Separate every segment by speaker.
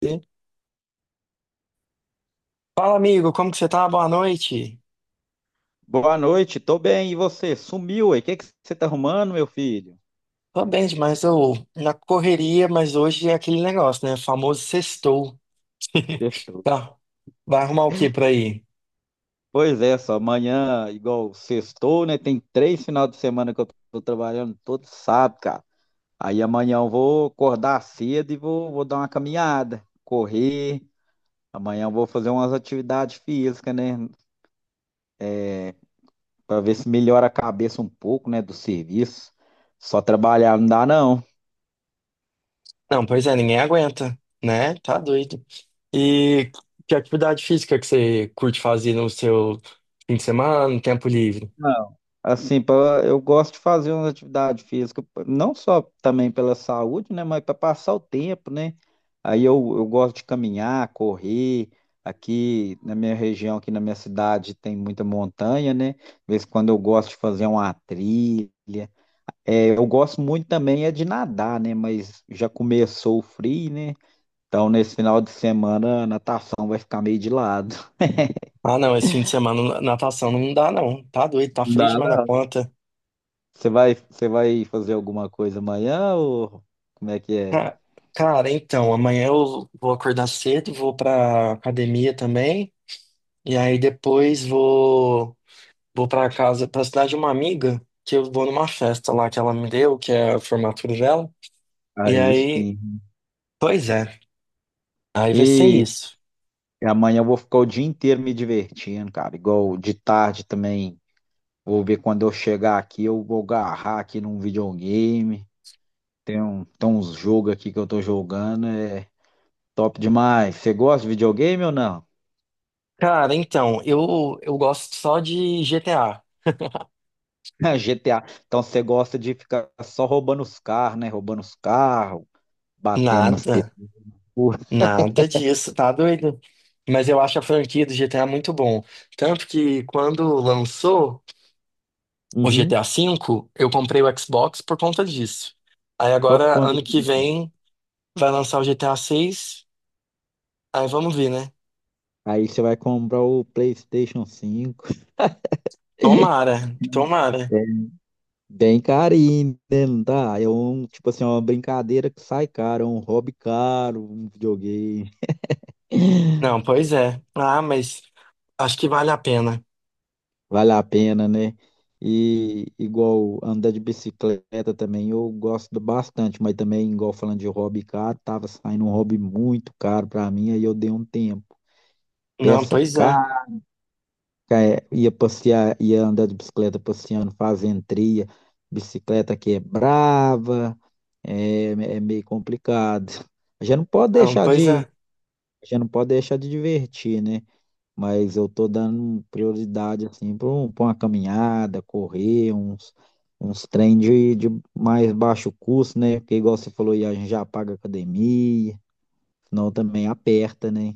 Speaker 1: E- Fala, amigo, como que você tá? Boa noite.
Speaker 2: Boa noite, tô bem. E você? Sumiu aí? O que que você tá arrumando, meu filho?
Speaker 1: Tô bem demais, eu na correria, mas hoje é aquele negócio, né? Famoso sextou.
Speaker 2: Sextou.
Speaker 1: Tá. Vai arrumar o que por aí?
Speaker 2: Pois é, só amanhã, igual sextou, né? Tem 3 final de semana que eu tô trabalhando todo sábado, cara. Aí amanhã eu vou acordar cedo e vou dar uma caminhada, correr. Amanhã eu vou fazer umas atividades físicas, né? Pra ver se melhora a cabeça um pouco, né? Do serviço. Só trabalhar não dá, não.
Speaker 1: Não, pois é, ninguém aguenta, né? Tá doido. E que atividade física que você curte fazer no seu fim de semana, no tempo livre?
Speaker 2: Assim, eu gosto de fazer uma atividade física, não só também pela saúde, né, mas para passar o tempo, né? Aí eu gosto de caminhar, correr. Aqui na minha região, aqui na minha cidade, tem muita montanha, né? De vez em quando eu gosto de fazer uma trilha. É, eu gosto muito também é de nadar, né? Mas já começou o frio, né? Então, nesse final de semana, a natação vai ficar meio de lado.
Speaker 1: Ah, não, esse fim de semana natação não dá, não. Tá doido, tá frio
Speaker 2: Dá
Speaker 1: demais na
Speaker 2: não.
Speaker 1: conta.
Speaker 2: Você vai fazer alguma coisa amanhã ou como é que é?
Speaker 1: Ca- Cara, então, amanhã eu vou acordar cedo, vou pra academia também. E aí depois vou para casa, para cidade de uma amiga, que eu vou numa festa lá que ela me deu, que é a formatura dela. E
Speaker 2: Aí
Speaker 1: aí,
Speaker 2: sim.
Speaker 1: pois é, aí vai ser
Speaker 2: E
Speaker 1: isso.
Speaker 2: amanhã eu vou ficar o dia inteiro me divertindo, cara. Igual de tarde também. Vou ver quando eu chegar aqui, eu vou agarrar aqui num videogame. Tem uns jogos aqui que eu tô jogando, é top demais. Você gosta de videogame ou não?
Speaker 1: Cara, então, eu gosto só de GTA.
Speaker 2: GTA. Então você gosta de ficar só roubando os carros, né? Roubando os carros, batendo nas
Speaker 1: Nada,
Speaker 2: pessoas.
Speaker 1: nada disso, tá doido? Mas eu acho a franquia do GTA muito bom. Tanto que quando lançou o
Speaker 2: Uhum.
Speaker 1: GTA V, eu comprei o Xbox por conta disso. Aí
Speaker 2: Só por
Speaker 1: agora,
Speaker 2: conta
Speaker 1: ano que
Speaker 2: disso.
Speaker 1: vem, vai lançar o GTA 6. Aí vamos ver, né?
Speaker 2: Aí você vai comprar o PlayStation 5.
Speaker 1: Tomara, tomara.
Speaker 2: É, bem carinho, né? Não tá? Tipo assim, é uma brincadeira que sai caro, é um hobby caro, um videogame.
Speaker 1: Não, pois é. Ah, mas acho que vale a pena.
Speaker 2: Vale a pena, né? E igual andar de bicicleta também, eu gosto bastante, mas também, igual falando de hobby caro, tava saindo um hobby muito caro pra mim, aí eu dei um tempo.
Speaker 1: Não,
Speaker 2: Peça
Speaker 1: pois é.
Speaker 2: cara. É, ia passear, ia andar de bicicleta passeando, fazendo trilha. Bicicleta que é brava, é meio complicado. A gente não pode
Speaker 1: Não,
Speaker 2: deixar
Speaker 1: pois
Speaker 2: de,
Speaker 1: é.
Speaker 2: a gente não pode deixar de divertir, né? Mas eu tô dando prioridade assim para uma caminhada, correr, uns trem de mais baixo custo, né? Porque igual você falou, aí, a gente já paga academia, senão também aperta, né?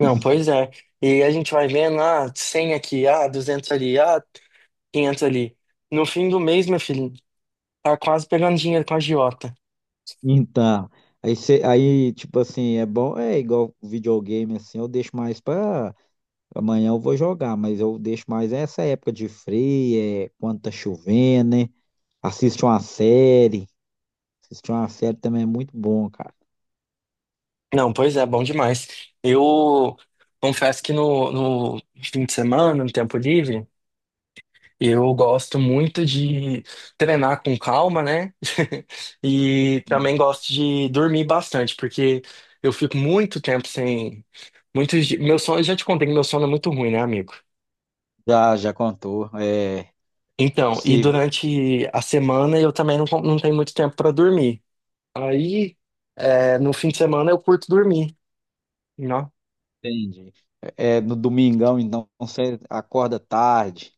Speaker 1: Não, pois é. E a gente vai vendo, ah, 100 aqui, ah, 200 ali, ah, 500 ali. No fim do mês, meu filho, tá quase pegando dinheiro com a agiota.
Speaker 2: Então, aí, aí, tipo assim, é bom, é igual videogame, assim, eu deixo mais pra amanhã eu vou jogar, mas eu deixo mais essa época de frio, é, quando tá chovendo, né? Assiste uma série, assiste uma série também é muito bom, cara.
Speaker 1: Não, pois é, bom demais. Eu confesso que no fim de semana, no tempo livre, eu gosto muito de treinar com calma, né? E também gosto de dormir bastante, porque eu fico muito tempo sem. Meu sono, eu já te contei que meu sono é muito ruim, né, amigo?
Speaker 2: Já contou, é
Speaker 1: Então, e
Speaker 2: possível,
Speaker 1: durante a semana eu também não, não tenho muito tempo para dormir. Aí, é, no fim de semana eu curto dormir. Né?
Speaker 2: entendi. É, no domingão, então, você acorda tarde.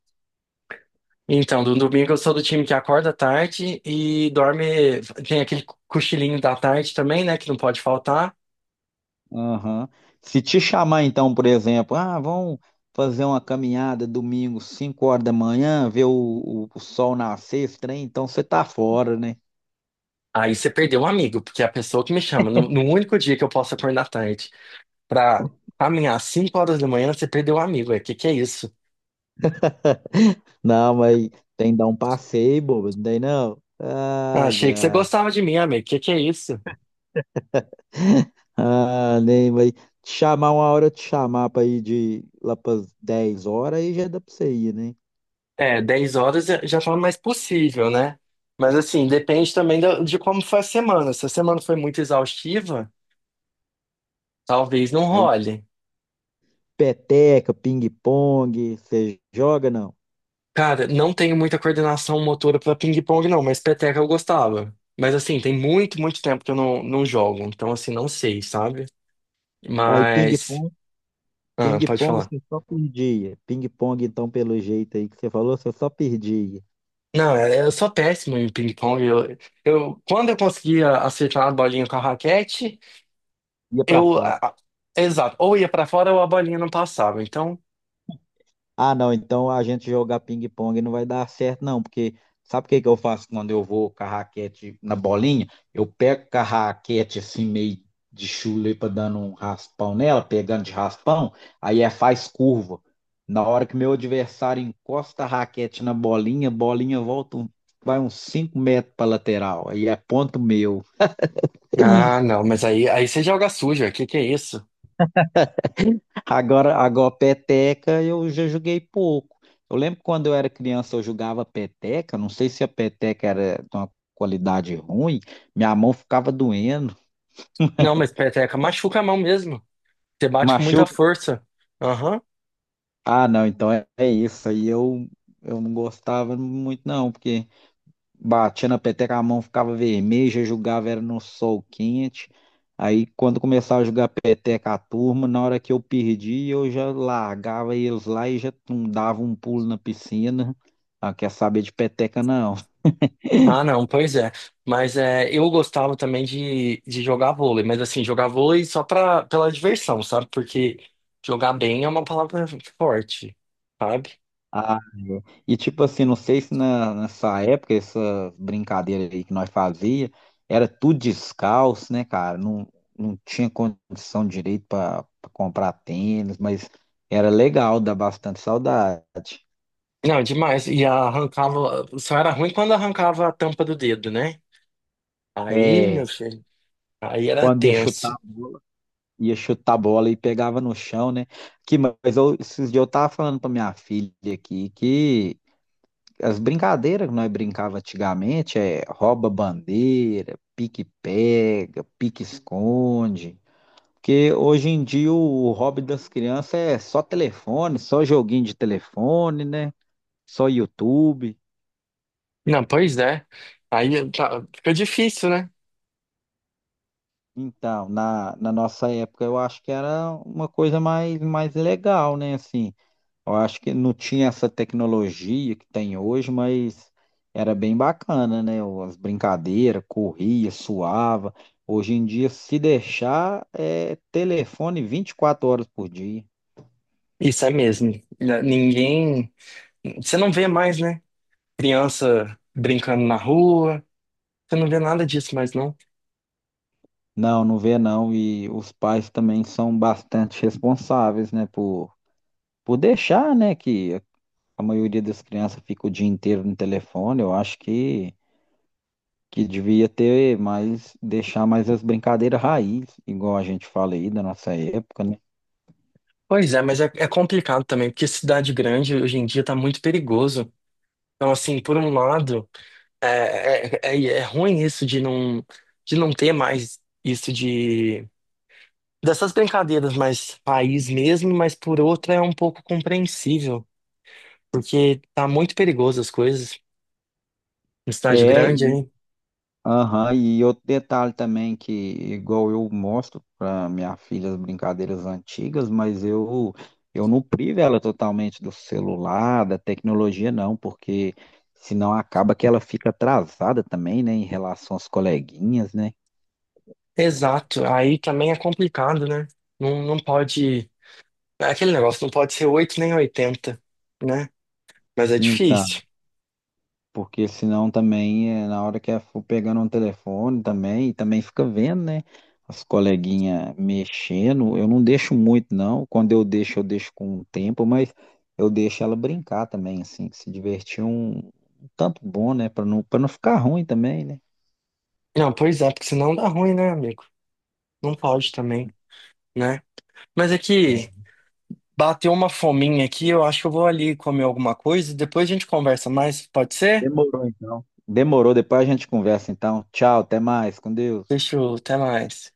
Speaker 1: Então, no domingo eu sou do time que acorda tarde e dorme. Tem aquele cochilinho da tarde também, né? Que não pode faltar.
Speaker 2: Aham. Se te chamar, então, por exemplo, ah, vamos fazer uma caminhada domingo, 5 horas da manhã, ver o sol nascer, esse trem, então você tá fora, né?
Speaker 1: Aí você perdeu um amigo, porque é a pessoa que me chama, no único dia que eu posso acordar tarde pra caminhar às 5 horas da manhã, você perdeu um amigo. O que que é isso?
Speaker 2: Não, mas tem que dar um passeio, bobo, não tem não?
Speaker 1: Ah,
Speaker 2: Ai,
Speaker 1: achei que você
Speaker 2: ai.
Speaker 1: gostava de mim, amigo. O que que é isso?
Speaker 2: Ah, nem, mas te chamar uma hora, eu te chamar pra ir de lá pras 10 horas, aí já dá pra você ir, né?
Speaker 1: É, 10 horas já tá mais possível, né? Mas assim, depende também de como foi a semana. Se a semana foi muito exaustiva, talvez não
Speaker 2: Aí
Speaker 1: role.
Speaker 2: peteca, ping-pong, você joga, não?
Speaker 1: Cara, não tenho muita coordenação motora pra ping-pong, não, mas peteca eu gostava. Mas assim, tem muito, muito tempo que eu não, não jogo. Então, assim, não sei, sabe?
Speaker 2: Aí
Speaker 1: Mas.
Speaker 2: ping-pong.
Speaker 1: Ah, pode
Speaker 2: Ping-pong
Speaker 1: falar.
Speaker 2: você só perdia. Ping-pong, então, pelo jeito aí que você falou, você só perdia.
Speaker 1: Não, eu sou péssimo em ping-pong. Eu, quando eu conseguia acertar a bolinha com a raquete,
Speaker 2: Ia pra
Speaker 1: eu. a-
Speaker 2: fora.
Speaker 1: a- exato. Ou ia pra fora ou a bolinha não passava. Então.
Speaker 2: Ah, não, então a gente jogar ping-pong não vai dar certo, não, porque sabe o que que eu faço quando eu vou com a raquete na bolinha? Eu pego com a raquete assim, meio de chula aí pra dando um raspão nela, pegando de raspão, aí é faz curva. Na hora que meu adversário encosta a raquete na bolinha, a bolinha volta, vai uns 5 metros pra lateral. Aí é ponto meu.
Speaker 1: Ah, não, mas aí, aí você joga suja, que é isso?
Speaker 2: Agora peteca eu já joguei pouco. Eu lembro que quando eu era criança eu jogava peteca, não sei se a peteca era de uma qualidade ruim, minha mão ficava doendo,
Speaker 1: Não, mas peteca machuca a mão mesmo. Você bate com muita
Speaker 2: machuca.
Speaker 1: força. Aham.
Speaker 2: Ah, não, então é isso aí. Eu não gostava muito não, porque batia na peteca, a mão ficava vermelha, jogava era no sol quente. Aí quando começava a jogar peteca a turma, na hora que eu perdi, eu já largava eles lá e já tum, dava um pulo na piscina. Ah, quer saber de peteca não.
Speaker 1: Ah, não, pois é. Mas é, eu gostava também de jogar vôlei, mas assim, jogar vôlei só pra, pela diversão, sabe? Porque jogar bem é uma palavra forte, sabe?
Speaker 2: Ah, é. E tipo assim, não sei se nessa época, essa brincadeira aí que nós fazia, era tudo descalço, né, cara? Não, não tinha condição direito para comprar tênis, mas era legal, dá bastante saudade.
Speaker 1: Não, é demais. E arrancava, só era ruim quando arrancava a tampa do dedo, né? Aí, meu
Speaker 2: É,
Speaker 1: filho, aí era
Speaker 2: quando ia
Speaker 1: tenso.
Speaker 2: chutar, ia chutar a bola e pegava no chão, né? Esses dias eu tava falando pra minha filha aqui que as brincadeiras que nós brincava antigamente é rouba bandeira, pique pega, pique esconde. Porque hoje em dia o hobby das crianças é só telefone, só joguinho de telefone, né? Só YouTube.
Speaker 1: Não, pois é. Aí tá, fica difícil, né?
Speaker 2: Então, na nossa época eu acho que era uma coisa mais, mais legal, né? Assim, eu acho que não tinha essa tecnologia que tem hoje, mas era bem bacana, né? As brincadeiras, corria, suava. Hoje em dia, se deixar, é telefone 24 horas por dia.
Speaker 1: Isso é mesmo. Ninguém. Você não vê mais, né? Criança brincando na rua. Você não vê nada disso mais, não.
Speaker 2: Não, não vê não. E os pais também são bastante responsáveis, né? Por deixar, né? Que a maioria das crianças fica o dia inteiro no telefone. Eu acho que devia ter mais, deixar mais as brincadeiras raiz, igual a gente fala aí da nossa época, né?
Speaker 1: Pois é, mas é, é complicado também, porque cidade grande hoje em dia tá muito perigoso. Então, assim, por um lado, é ruim isso de não ter mais isso de. Dessas brincadeiras mais país mesmo, mas por outra é um pouco compreensível, porque tá muito perigoso as coisas em cidade
Speaker 2: É,
Speaker 1: grande.
Speaker 2: e aham, e outro detalhe também que, igual eu mostro para minha filha as brincadeiras antigas, mas eu não privo ela totalmente do celular, da tecnologia, não, porque senão acaba que ela fica atrasada também, né, em relação às coleguinhas, né?
Speaker 1: Exato, aí também é complicado, né? Não, não pode. Aquele negócio não pode ser 8 nem 80, né? Mas é
Speaker 2: Então,
Speaker 1: difícil.
Speaker 2: porque senão também, na hora que eu for pegando um telefone também, e também fica vendo, né? As coleguinhas mexendo. Eu não deixo muito, não. Quando eu deixo com o tempo, mas eu deixo ela brincar também, assim, se divertir um tanto bom, né? Para não ficar ruim também, né?
Speaker 1: Não, pois é, porque senão dá ruim, né, amigo? Não pode também, né? Mas é que
Speaker 2: É.
Speaker 1: bateu uma fominha aqui, eu acho que eu vou ali comer alguma coisa e depois a gente conversa mais, pode ser?
Speaker 2: Demorou, então. Demorou, depois a gente conversa, então. Tchau, até mais, com Deus.
Speaker 1: Deixa eu, até mais.